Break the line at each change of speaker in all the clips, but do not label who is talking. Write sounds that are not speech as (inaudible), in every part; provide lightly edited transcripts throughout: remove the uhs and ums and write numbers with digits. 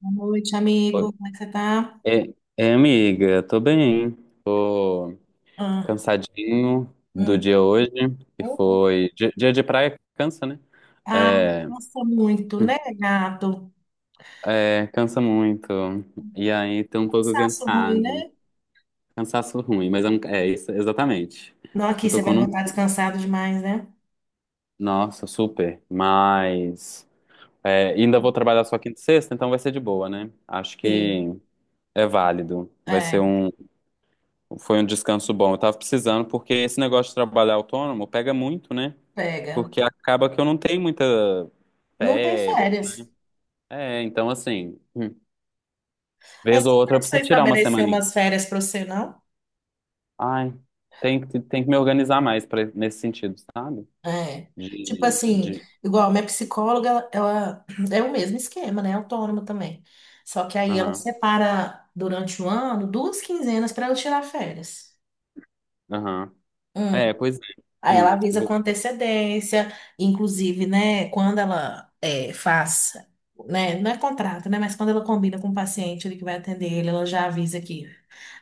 Boa noite, amigo. Como é que você tá?
É, amiga, tô bem. Tô
Ah,
cansadinho do
hum.
dia hoje, que
Uhum.
foi. Dia, dia de praia cansa, né?
Ai,
É,
nossa, muito, né, gato?
é, cansa muito. E aí, tô um pouco
Cansaço ruim,
cansado.
né?
Cansaço ruim, mas é, é isso, exatamente.
Não, aqui
Você
você
tocou
vai
num.
voltar descansado demais, né?
Nossa, super. Mas. É, ainda vou trabalhar só quinta e sexta, então vai ser de boa, né? Acho
Sim,
que é válido. Vai ser
é,
um Foi um descanso bom. Eu tava precisando, porque esse negócio de trabalhar autônomo pega muito, né?
pega.
Porque acaba que eu não tenho muita
Não tem
férias.
férias.
É, então assim,
Mas
vez
você
ou
não
outra eu
precisa
preciso tirar uma
estabelecer
semaninha.
umas férias para você, não?
Ai, tem que me organizar mais pra, nesse sentido, sabe?
É. Tipo
De,
assim,
de,
igual minha psicóloga, é o mesmo esquema, né? Autônoma também. Só que aí ela
aham,
separa durante o ano duas quinzenas para eu tirar férias.
aham. É, pois é.
Aí ela
Hum,
avisa
vou-
com antecedência, inclusive, né, quando ela é, faz, né, não é contrato, né, mas quando ela combina com o paciente ele que vai atender ele, ela já avisa que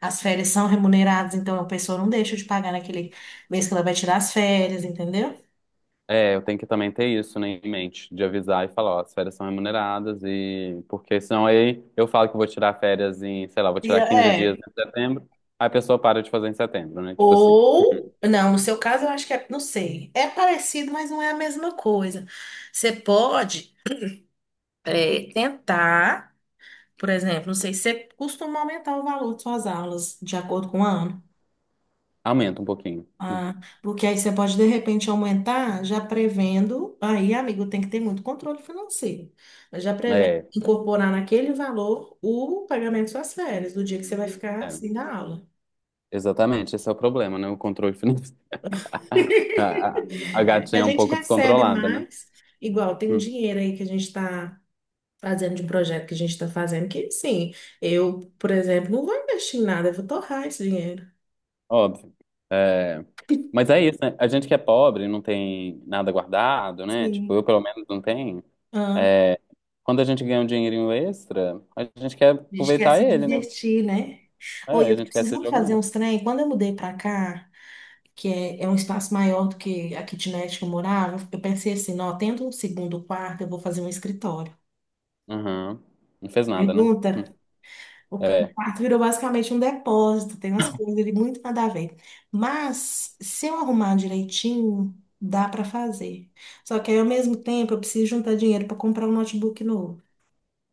as férias são remuneradas, então a pessoa não deixa de pagar naquele mês que ela vai tirar as férias, entendeu?
É, eu tenho que também ter isso, né, em mente, de avisar e falar, ó, as férias são remuneradas e porque senão aí eu falo que vou tirar férias em, sei lá, vou
E
tirar
é.
15 dias em setembro, aí a pessoa para de fazer em setembro, né? Tipo assim,
Ou, não, no seu caso eu acho que é, não sei, é parecido, mas não é a mesma coisa. Você pode tentar, por exemplo, não sei, você costuma aumentar o valor de suas aulas de acordo com o ano.
aumenta um pouquinho.
Ah, porque aí você pode de repente aumentar, já prevendo. Aí, amigo, tem que ter muito controle financeiro. Mas já prevendo
É,
incorporar naquele valor o pagamento de suas férias, do dia que você vai ficar
é,
assim da aula.
exatamente, esse é o problema, né? O controle financeiro. (laughs) A, a, a
(laughs)
gatinha
A
é um
gente
pouco
recebe
descontrolada, né?
mais, igual tem um
Hum,
dinheiro aí que a gente está fazendo de um projeto que a gente está fazendo, que sim, eu, por exemplo, não vou investir em nada, eu vou torrar esse dinheiro.
óbvio. É, mas é isso, né? A gente que é pobre, não tem nada guardado, né? Tipo, eu
Sim.
pelo menos não tenho. É, quando a gente ganha um dinheirinho extra, a gente quer
A gente quer
aproveitar
se
ele, né?
divertir, né? Oi,
É, a
eu tô
gente quer se
precisando fazer
jogar.
uns trem. Quando eu mudei pra cá, que é um espaço maior do que a kitnet que eu morava, eu pensei assim, não, tendo um segundo quarto, eu vou fazer um escritório.
Aham. Não fez nada, né?
Pergunta,
(laughs)
o
É.
quarto virou basicamente um depósito, tem umas coisas ali muito nada a ver. Mas, se eu arrumar direitinho, dá pra fazer. Só que aí, ao mesmo tempo, eu preciso juntar dinheiro pra comprar um notebook novo.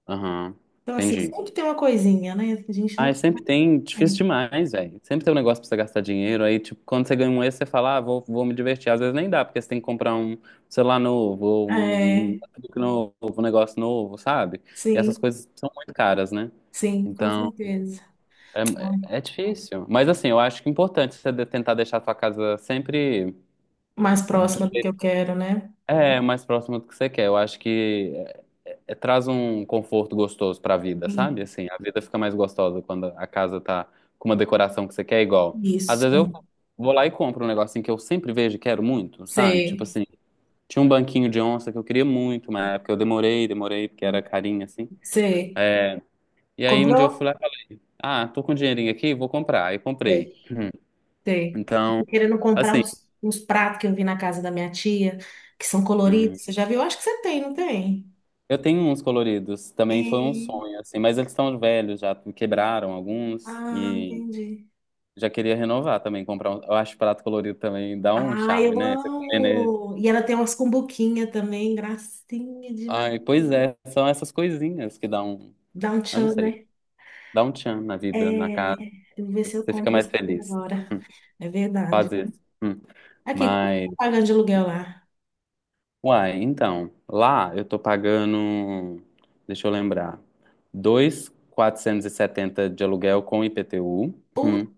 Aham.
Então, assim,
Entendi.
sempre tem uma coisinha, né? A gente
Ah,
nunca
sempre tem. Difícil
tem.
demais, velho. Sempre tem um negócio pra você gastar dinheiro. Aí, tipo, quando você ganha um extra, você fala, ah, vou me divertir. Às vezes nem dá, porque você tem que comprar um celular novo, ou um
É,
notebook novo, um negócio novo, sabe? E essas
sim.
coisas são muito caras, né?
Sim, com
Então.
certeza.
É, difícil. Mas assim, eu acho que é importante você tentar deixar a sua casa sempre
Mais
do-
próxima do que eu quero, né?
é mais próximo do que você quer. Eu acho que traz um conforto gostoso pra vida, sabe?
Sim.
Assim, a vida fica mais gostosa quando a casa tá com uma decoração que você quer igual. Às
Isso.
vezes eu vou lá e compro um negocinho que eu sempre vejo e quero muito, sabe? Tipo
Sei,
assim, tinha um banquinho de onça que eu queria muito, uma época eu demorei, demorei, porque era carinho assim.
sei.
E aí um dia
Comprou?
eu fui lá, ah, tô com um dinheirinho aqui, vou comprar. Aí comprei.
Sei, sei.
Então,
Tô querendo comprar
assim.
uns pratos que eu vi na casa da minha tia, que são
hum,
coloridos. Você já viu? Eu acho que você tem, não tem?
Eu tenho uns coloridos, também foi um
É.
sonho, assim, mas eles estão velhos já, quebraram alguns
Ah,
e
entendi.
já queria renovar também, comprar um, eu acho prato colorido também dá um
Ah,
charme,
eu
né? Você comer nele.
amo! E ela tem umas cumbuquinhas também, gracinha
Ai,
demais.
pois é, são essas coisinhas que dão,
Dá um
eu não
tchan,
sei,
né?
dá um tchan na vida, na
É,
casa,
eu vou ver se eu
você fica
compro
mais
esse
feliz,
agora. É
faz
verdade.
isso. Hum.
Aqui, como que tá
Mas,
pagando de aluguel lá?
uai, então, lá eu tô pagando, deixa eu lembrar, 2.470 de aluguel com IPTU. Hum.
Puta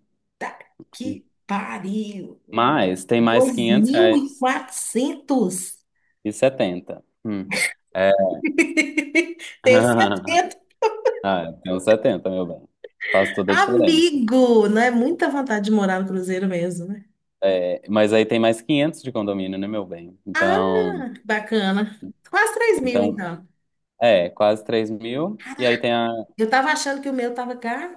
que pariu!
Mas tem mais
Dois
500
mil e
reais
quatrocentos.
e 70. Hum. É.
(laughs) Tenho
(laughs)
certeza.
Ah, tem uns 70, meu bem. Faz toda a diferença.
Amigo, não é muita vontade de morar no Cruzeiro mesmo, né?
É, mas aí tem mais 500 de condomínio, né, meu bem?
Ah,
Então,
bacana. Quase 3.000,
então
então.
quase 3.000. E aí tem a,
Eu tava achando que o meu tava caro.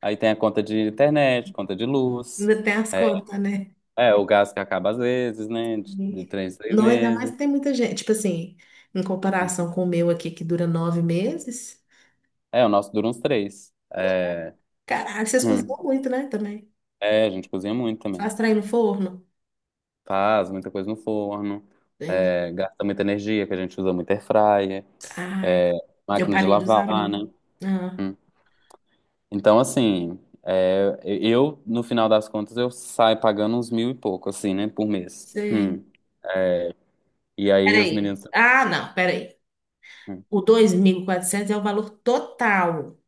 aí tem a conta de internet, conta de luz.
Ainda tem as
É,
contas, né?
é, o gás que acaba às vezes, né? De três em três
Não, ainda mais
meses.
que tem muita gente. Tipo assim, em comparação com o meu aqui, que dura 9 meses.
É, o nosso dura uns três. É,
Caralho, vocês cozinham
hum.
muito, né? Também.
É, a gente cozinha muito também.
Faz trem no forno.
Faz muita coisa no forno,
Entendi.
é, gasta muita energia, que a gente usa muito air fryer,
Ai,
é,
eu
máquina de
parei de usar a
lavar,
minha.
né?
Ah,
Hum. Então, assim, é, eu, no final das contas, eu saio pagando uns mil e pouco, assim, né, por mês.
sei.
Hum. E aí os
Peraí.
meninos também.
Ah, não, peraí.
Hum.
O 2.400 é o valor total.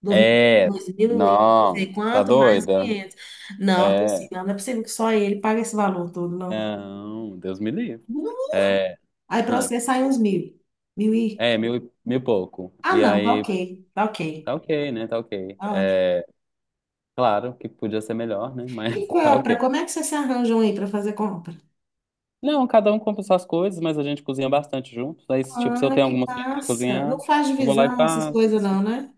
Do-
É,
Dois mil e não
não,
sei
tá
quanto, mais
doida?
500. Não, tô assim,
É,
não, não é possível que só ele pague esse valor todo, não.
não, Deus me livre.
Não.
É,
Aí para
hum.
você sai uns mil. Mil e...
É mil e pouco.
Ah,
E
não, tá
aí,
ok. Tá ok.
tá ok, né? Tá ok.
Tá ótimo.
É, claro que podia ser melhor, né?
E
Mas (laughs) tá
compra,
ok.
como é que vocês se arranjam aí para fazer compra?
Não, cada um compra suas coisas, mas a gente cozinha bastante juntos. Aí, se, tipo, se eu
Ah,
tenho
que
algumas coisas pra
passa. Não
cozinhar,
faz
eu vou lá e
divisão, essas
faço.
coisas não, né?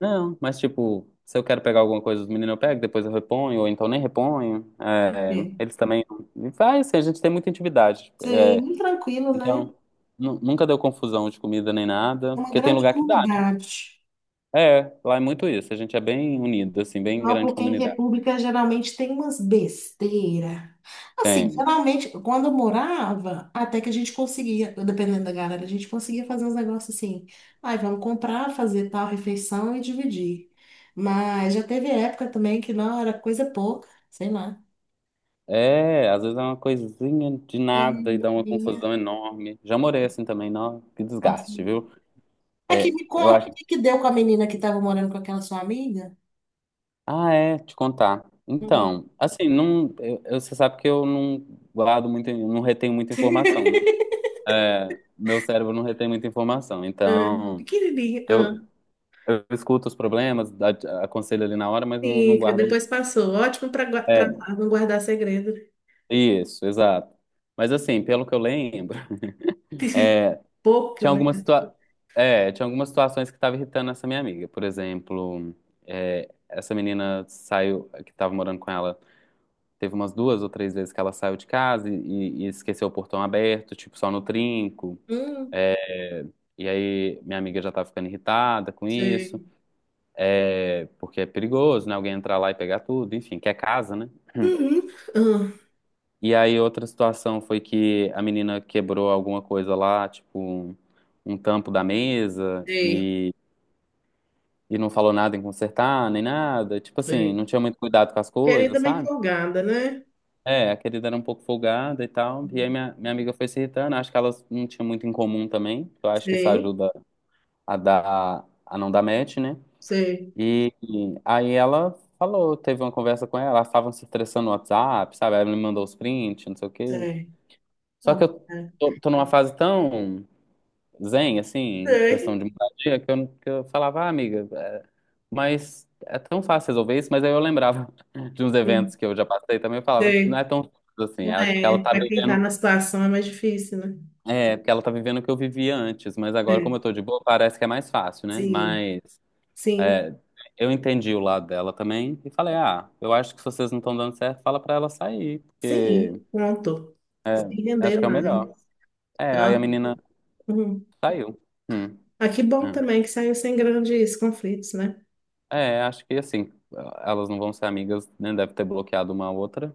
Não, mas, tipo, se eu quero pegar alguma coisa dos meninos, eu pego, depois eu reponho, ou então nem reponho. É,
Ok.
eles também. E vai, assim, a gente tem muita intimidade.
Sei,
É,
muito tranquilo, né?
então, nunca deu confusão de comida nem
É
nada,
uma
porque tem
grande
lugar que dá.
comunidade.
É, lá é muito isso. A gente é bem unido, assim, bem
Não,
grande
porque em
comunidade.
república geralmente tem umas besteira. Assim,
Tem.
geralmente, quando eu morava, até que a gente conseguia, dependendo da galera, a gente conseguia fazer uns negócios assim. Ai, vamos comprar, fazer tal refeição e dividir. Mas já teve época também que não era coisa pouca, sei lá.
É, às vezes é uma coisinha de
É,
nada e dá uma
bobinha.
confusão enorme. Já morei assim também, não, que
Nossa,
desgaste,
não.
viu?
Aqui,
É,
me
eu
conta o
acho.
que que deu com a menina que estava morando com aquela sua amiga?
Ah, é, te contar.
Hum,
Então, assim, não, você sabe que eu não guardo muito, eu não retenho muita informação, né? É, meu cérebro não retém muita informação. Então, eu,
pequenininha.
eu escuto os problemas, aconselho ali na hora, mas não, não
Sim, que
guardo muito.
depois passou. Ótimo para
É,
não guardar segredo.
isso, exato. Mas assim, pelo que eu lembro,
(laughs) Pouco
(laughs)
que eu
tinha algumas
lembro.
situa- tinha algumas situações que estavam irritando essa minha amiga. Por exemplo, é, essa menina saiu, que estava morando com ela. Teve umas duas ou três vezes que ela saiu de casa e esqueceu o portão aberto, tipo, só no trinco.
Hum,
E aí minha amiga já tá ficando irritada com
sei.
isso, é, porque é perigoso, né? Alguém entrar lá e pegar tudo, enfim, que é casa, né?
Uhum. Ah,
E aí outra situação foi que a menina quebrou alguma coisa lá, tipo um tampo da mesa
sei,
e não falou nada em consertar, nem nada. Tipo assim,
sei.
não tinha muito cuidado com as coisas,
Querida bem
sabe?
folgada, né?
É, a querida era um pouco folgada e tal. E aí minha amiga foi se irritando. Acho que elas não tinham muito em comum também. Eu acho que isso
Sei,
ajuda a dar, a não dar match, né?
sei,
E aí ela falou, teve uma conversa com ela, elas estavam se estressando no WhatsApp, sabe? Ela me mandou os prints, não sei o quê.
sei.
Só
Tá
que
bom,
eu
né?
tô numa fase tão zen, assim, em questão
Sei.
de moradia, que eu, não- que eu falava, ah, amiga, é, mas é tão fácil resolver isso. Mas aí eu lembrava (laughs) de uns
Hum,
eventos que eu já passei também, eu falava, não é
sei.
tão simples assim,
Não
ela, porque ela
é.
tá
Para quem está
vivendo
na situação é mais difícil, né?
É, porque ela tá vivendo o que eu vivia antes, mas agora,
Sei.
como eu tô de boa, parece que é mais fácil, né?
Sim,
Mas
sim,
é, eu entendi o lado dela também e falei, ah, eu acho que se vocês não estão dando certo, fala pra ela sair, porque
sim. Pronto. Se
é, acho
render
que é o
mais.
melhor. É, aí
Tá?
a menina
Uhum.
saiu. Hum,
Ah, que bom
é.
também que saiu sem grandes conflitos, né?
É, acho que assim, elas não vão ser amigas, né? Deve ter bloqueado uma a outra,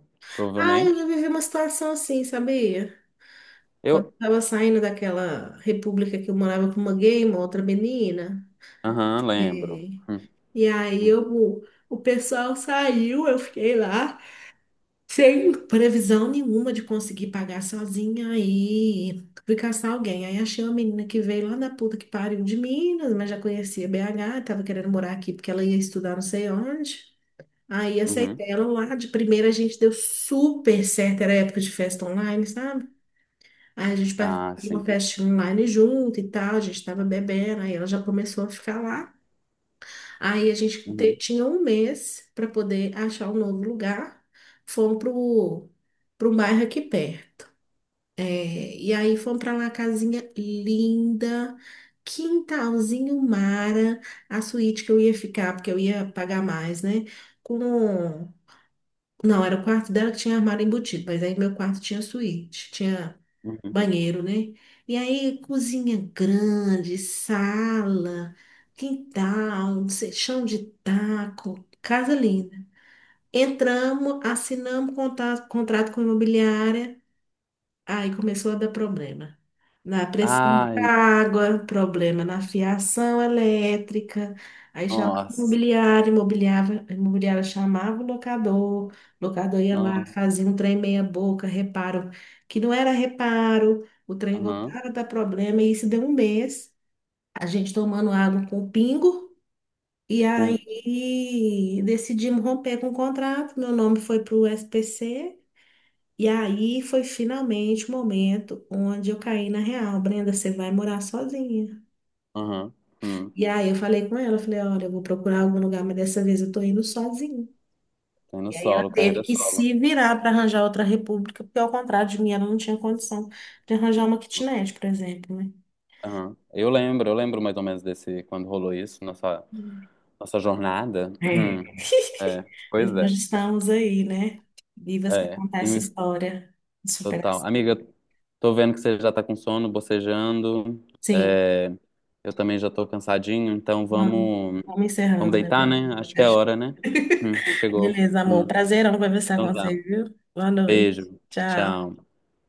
Ah, eu já
provavelmente.
vivi uma situação assim, sabia? Quando eu
Eu,
tava saindo daquela república que eu morava com uma gay, uma outra menina.
aham, lembro.
É. E aí
Hum,
eu, o pessoal saiu, eu fiquei lá, sem previsão nenhuma de conseguir pagar sozinha. Aí fui caçar alguém. Aí achei uma menina que veio lá da puta que pariu de Minas, mas já conhecia BH, tava querendo morar aqui porque ela ia estudar não sei onde. Aí
uhum.
aceitei ela lá, de primeira a gente deu super certo, era época de festa online, sabe? Aí a gente participou
Ah,
de uma
sim.
festa online junto e tal, a gente estava bebendo, aí ela já começou a ficar lá. Aí a gente
Uhum,
tinha um mês para poder achar um novo lugar. Fomos pro bairro aqui perto. É, e aí fomos para lá, casinha linda, quintalzinho mara, a suíte que eu ia ficar, porque eu ia pagar mais, né? Com... Não, era o quarto dela que tinha armário embutido, mas aí meu quarto tinha suíte, tinha
uhum.
banheiro, né? E aí, cozinha grande, sala, quintal, não sei, chão de taco, casa linda. Entramos, assinamos contrato com a imobiliária. Aí começou a dar problema. Na pressão da
Ai,
água, problema na fiação elétrica. Aí chamava
nossa.
imobiliária chamava o locador ia lá,
Nossa.
fazia um trem meia boca, reparo, que não era reparo, o trem
Aham.
voltava a dar problema, e isso deu 1 mês, a gente tomando água com pingo, e
Putz.
aí decidimos romper com o contrato, meu nome foi para o SPC, e aí foi finalmente o momento onde eu caí na real. Brenda, você vai morar sozinha.
Aham. Hum.
E aí eu falei com ela, eu falei, olha, eu vou procurar algum lugar, mas dessa vez eu tô indo sozinha.
Tem no
E aí ela
solo,
teve
carreira
que
solo.
se virar para arranjar outra república, porque ao contrário de mim, ela não tinha condição de arranjar uma kitnet, por exemplo, né?
Aham. Eu lembro mais ou menos desse, quando rolou isso, nossa,
Hum.
nossa jornada. Hum.
É.
É, pois
Nós
é.
estamos aí, né? Vivas para
É,
contar essa história de
Total.
superação.
Amiga, tô vendo que você já tá com sono, bocejando.
Sim,
É, eu também já tô cansadinho, então
vamos,
vamos,
vamos encerrando, né?
deitar, né? Acho que é a hora, né? Chegou.
Beleza, amor.
Hum.
Prazer em conversar
Então
com
tá.
você, viu? Boa noite.
Beijo.
Tchau.
Tchau.